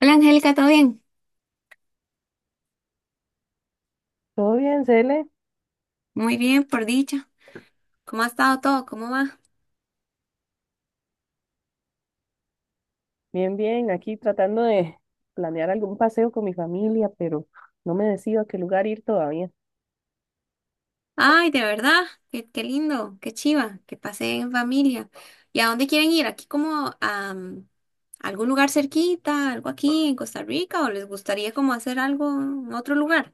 Hola Angélica, ¿todo bien? Todo bien, Cele, Muy bien, por dicha. ¿Cómo ha estado todo? ¿Cómo va? bien, aquí tratando de planear algún paseo con mi familia, pero no me decido a qué lugar ir todavía. Ay, de verdad, qué lindo, qué chiva, que pasé en familia. ¿Y a dónde quieren ir? ¿Aquí como a algún lugar cerquita, algo aquí en Costa Rica o les gustaría como hacer algo en otro lugar?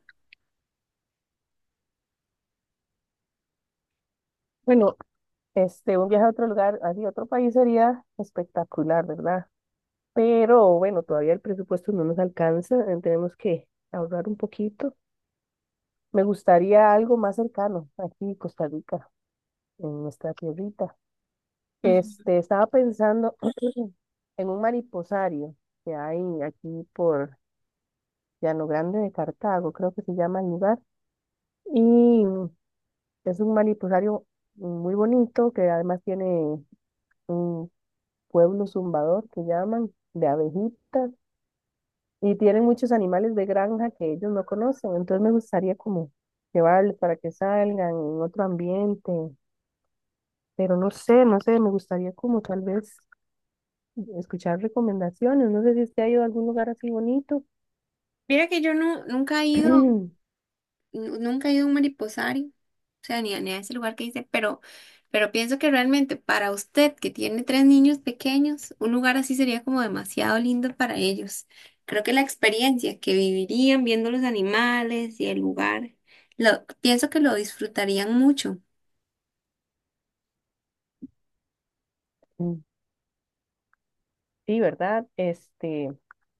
Bueno, un viaje a otro lugar, así a otro país sería espectacular, ¿verdad? Pero bueno, todavía el presupuesto no nos alcanza, tenemos que ahorrar un poquito. Me gustaría algo más cercano, aquí Costa Rica, en nuestra tierrita. Ujú. Estaba pensando en un mariposario que hay aquí por Llano Grande de Cartago, creo que se llama el lugar. Y es un manipusario muy bonito que además tiene un pueblo zumbador que llaman de abejitas y tienen muchos animales de granja que ellos no conocen. Entonces me gustaría como llevarles para que salgan en otro ambiente, pero no sé, me gustaría como tal vez escuchar recomendaciones. No sé si usted ha ido a algún lugar así bonito. Mira que yo no, nunca he ido, nunca he ido a un mariposario. O sea, ni a ese lugar que dice, pero pienso que realmente para usted que tiene tres niños pequeños, un lugar así sería como demasiado lindo para ellos. Creo que la experiencia que vivirían viendo los animales y el lugar, lo, pienso que lo disfrutarían mucho. Sí, ¿verdad?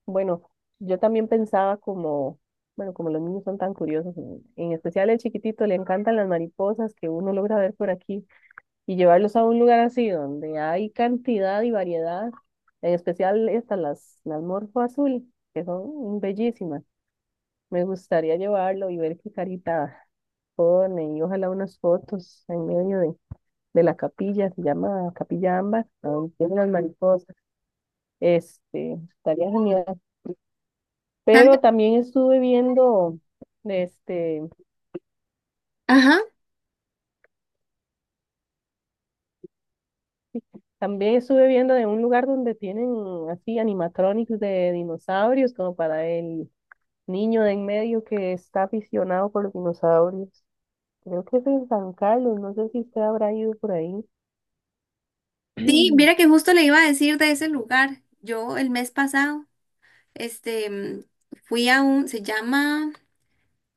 Bueno, yo también pensaba como, bueno, como los niños son tan curiosos, en especial el chiquitito, le encantan las mariposas que uno logra ver por aquí y llevarlos a un lugar así donde hay cantidad y variedad, en especial estas, las morfo azul, que son bellísimas. Me gustaría llevarlo y ver qué carita pone y ojalá unas fotos en medio de la capilla, se llama Capilla Ámbar, donde tienen las mariposas. Estaría genial. ¿Sabe? Pero también estuve viendo, este, Ajá. también estuve viendo de un lugar donde tienen así animatronics de dinosaurios, como para el niño de en medio que está aficionado por los dinosaurios. Creo que es en San Carlos, no sé si usted habrá ido por ahí. Sí, mira que justo le iba a decir de ese lugar. Yo el mes pasado, este, mm, fui a un, se llama,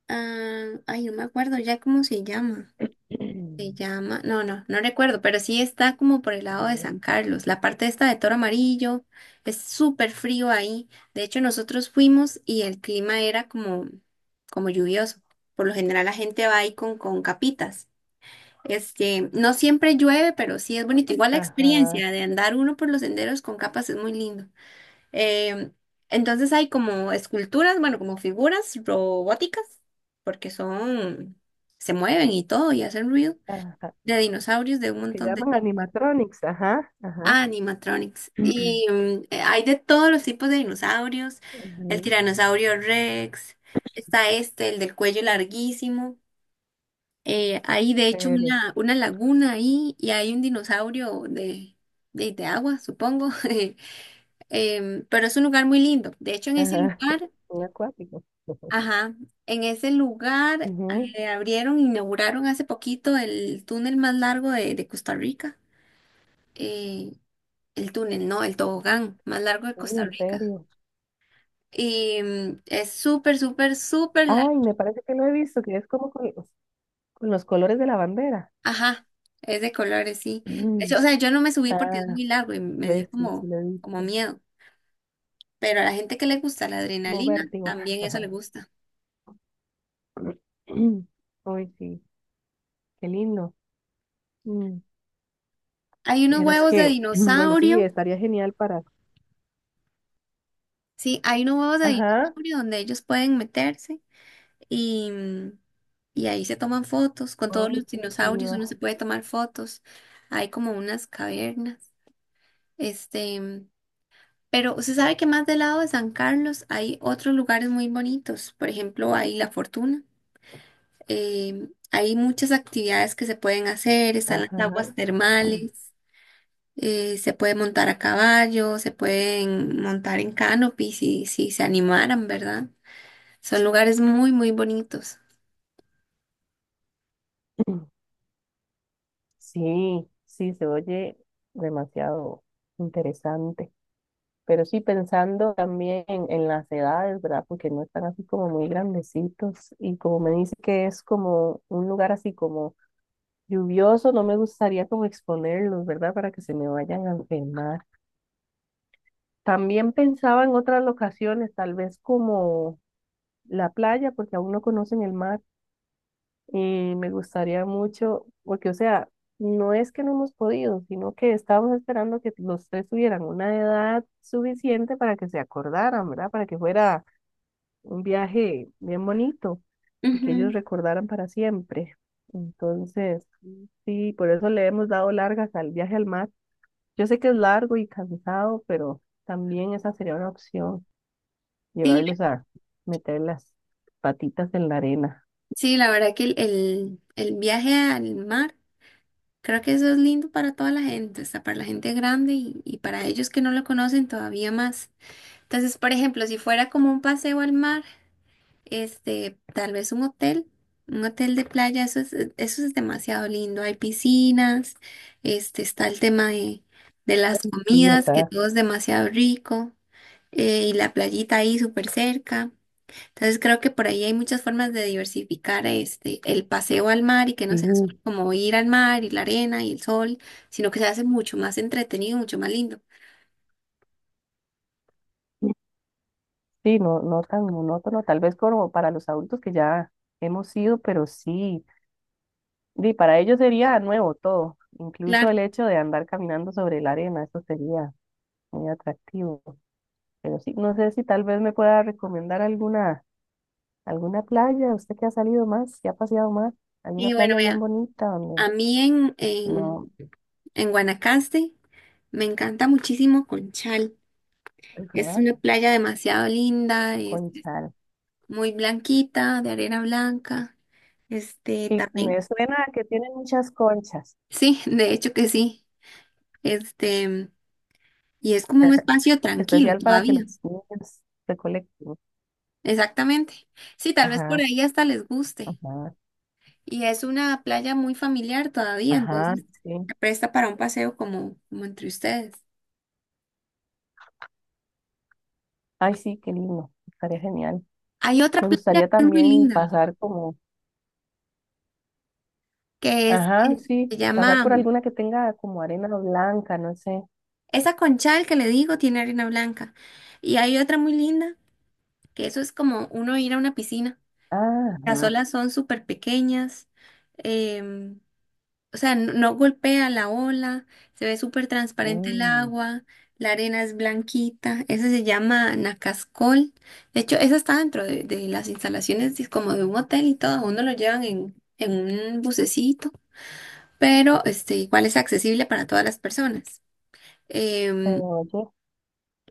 ah, ay, no me acuerdo ya cómo se llama. Se llama, no, no, no recuerdo, pero sí está como por el lado Ajá, de San Carlos. La parte esta de Toro Amarillo es súper frío ahí. De hecho, nosotros fuimos y el clima era como, como lluvioso. Por lo general la gente va ahí con capitas. Este, no siempre llueve, pero sí es bonito. Igual la ajá, experiencia de andar uno por los senderos con capas es muy lindo. Eh, entonces hay como esculturas, bueno, como figuras robóticas, porque son, se mueven y todo y hacen ruido de dinosaurios de un que montón de llaman tipos. animatronics, ajá, ajá. Ah, animatronics. Y hay de todos los tipos de dinosaurios. Ajá, El en tiranosaurio Rex, está este, el del cuello larguísimo. Hay de hecho serio, una laguna ahí y hay un dinosaurio de, de agua, supongo. Pero es un lugar muy lindo. De hecho, en ese ajá, lugar, un acuático. ajá, en ese lugar Ujú, abrieron, inauguraron hace poquito el túnel más largo de Costa Rica. Eh, El túnel, no, el tobogán más largo de uy, Costa en Rica. serio. Y es súper, súper, súper largo. Ay, me parece que lo he visto, que es como con los colores de la bandera. Ajá, es de colores, sí. De hecho, o sea, yo no me subí porque es Ah, muy largo y me dio ves, sí, sí como, lo he como visto. miedo. Pero a la gente que le gusta la Como adrenalina, vértigo. también eso le gusta. Uy, sí, qué lindo. Mm, Hay unos vieras huevos de que, bueno, sí, dinosaurio, estaría genial para. sí, hay unos huevos de Ajá. dinosaurio donde ellos pueden meterse y, y ahí se toman fotos. Con todos Ay, los qué dinosaurios uno chido. se puede tomar fotos. Hay como unas cavernas. Este. Pero usted sabe que más del lado de San Carlos hay otros lugares muy bonitos. Por ejemplo, hay La Fortuna. Hay muchas actividades que se pueden hacer. Están las Ajá. aguas termales. Se puede montar a caballo. Se pueden montar en canopy si, si se animaran, ¿verdad? Son lugares muy, muy bonitos. Sí, sí, se oye demasiado interesante. Pero sí pensando también en las edades, ¿verdad? Porque no están así como muy grandecitos. Y como me dice que es como un lugar así como lluvioso, no me gustaría como exponerlos, ¿verdad? Para que se me vayan a enfermar. También pensaba en otras locaciones, tal vez como la playa, porque aún no conocen el mar. Y me gustaría mucho, porque o sea, no es que no hemos podido, sino que estábamos esperando que los tres tuvieran una edad suficiente para que se acordaran, ¿verdad? Para que fuera un viaje bien bonito y que ellos Ujú. recordaran para siempre. Entonces, sí, por eso le hemos dado largas al viaje al mar. Yo sé que es largo y cansado, pero también esa sería una opción, Sí, llevarlos a meter las patitas en la arena. sí, la verdad que el, el viaje al mar, creo que eso es lindo para toda la gente, hasta para la gente grande y para ellos que no lo conocen todavía más. Entonces, por ejemplo, si fuera como un paseo al mar, este, tal vez un hotel de playa, eso es demasiado lindo. Hay piscinas, este, está el tema de las Sí, comidas, que ¿verdad? todo es demasiado rico, y la playita ahí súper cerca. Entonces, creo que por ahí hay muchas formas de diversificar este, el paseo al mar y que no Sí, sea solo como ir al mar y la arena y el sol, sino que se hace mucho más entretenido, mucho más lindo. sí, no, no tan monótono, tal vez como para los adultos que ya hemos ido, pero sí, y para ellos sería nuevo todo, incluso Claro. el hecho de andar caminando sobre la arena, eso sería muy atractivo. Pero sí, no sé si tal vez me pueda recomendar alguna, alguna playa, usted que ha salido más, que ha paseado más, alguna Y bueno, playa bien veamos. bonita donde A mí no, en Guanacaste me encanta muchísimo Conchal. Es ¿verdad? una playa demasiado linda, es Conchal. muy blanquita, de arena blanca. Este Y me también. suena que tienen muchas conchas, Sí, de hecho que sí. Este, y es como un espacio tranquilo especial para que todavía. los niños recolecten. Exactamente. Sí, tal vez por Ajá, ahí hasta les guste. ajá, Y es una playa muy familiar todavía, ajá, entonces sí. se presta para un paseo como, como entre ustedes. Ay, sí, qué lindo, estaría genial. Hay otra Me playa gustaría que es muy también linda. pasar como, que es, ajá, es- se sí, pasar llama, por alguna que tenga como arena blanca, no sé. esa conchal que le digo tiene arena blanca. Y hay otra muy linda, que eso es como uno ir a una piscina. Ah, Las ajá, olas son súper pequeñas, em, o sea, no, no golpea la ola, se ve súper transparente el mm, agua, la arena es blanquita, ese se llama Nacascol. De hecho, eso está dentro de las instalaciones como de un hotel y todo, a uno lo llevan en un bucecito, pero este, igual es accesible para todas las personas. se em, oye,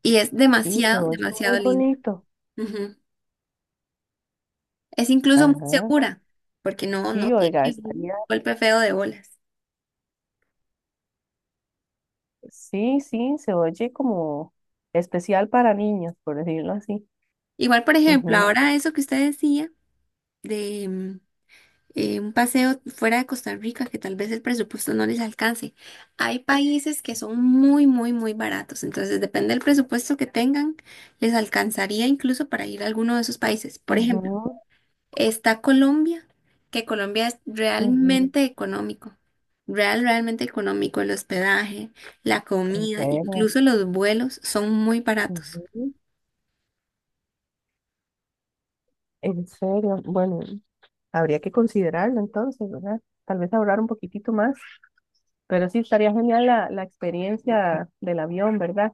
y es sí, se demasiado, oye muy demasiado linda. bonito. Ujú. Es incluso muy Ajá. segura, porque no, no Sí, oiga, tiene un estaría, golpe feo de bolas. sí, sí, se oye como especial para niños, por decirlo así. Igual, por ejemplo, Ujú, ahora eso que usted decía de un paseo fuera de Costa Rica, que tal vez el presupuesto no les alcance. Hay países que son muy, muy, muy baratos, entonces depende del presupuesto que tengan, les alcanzaría incluso para ir a alguno de esos países. Por ejemplo, ujú, está Colombia, que Colombia es ujú, realmente económico, realmente económico, el hospedaje, la en comida, serio, incluso los vuelos son muy baratos. ujú, en serio, bueno, habría que considerarlo entonces, ¿verdad? Tal vez ahorrar un poquitito más, pero sí estaría genial la experiencia del avión, ¿verdad?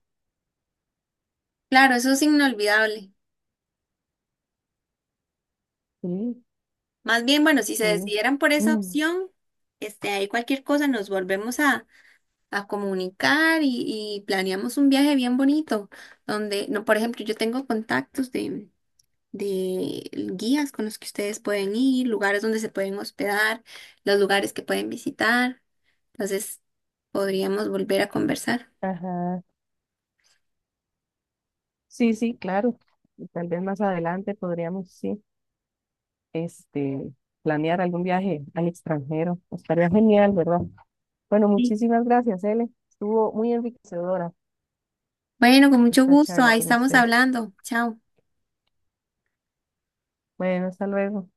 Claro, eso es inolvidable. Sí, Más bien, bueno, si se sí. decidieran por esa Mm, opción, este, ahí cualquier cosa nos volvemos a comunicar y planeamos un viaje bien bonito, donde, no, por ejemplo, yo tengo contactos de guías con los que ustedes pueden ir, lugares donde se pueden hospedar, los lugares que pueden visitar. Entonces, podríamos volver a conversar. ajá. Sí, sí, claro. Y tal vez más adelante podríamos, sí, este, planear algún viaje al extranjero. Estaría genial, ¿verdad? Bueno, Sí. muchísimas gracias, Ele. Estuvo muy enriquecedora Bueno, con mucho esta gusto, charla ahí con estamos usted. hablando. Chao. Bueno, hasta luego.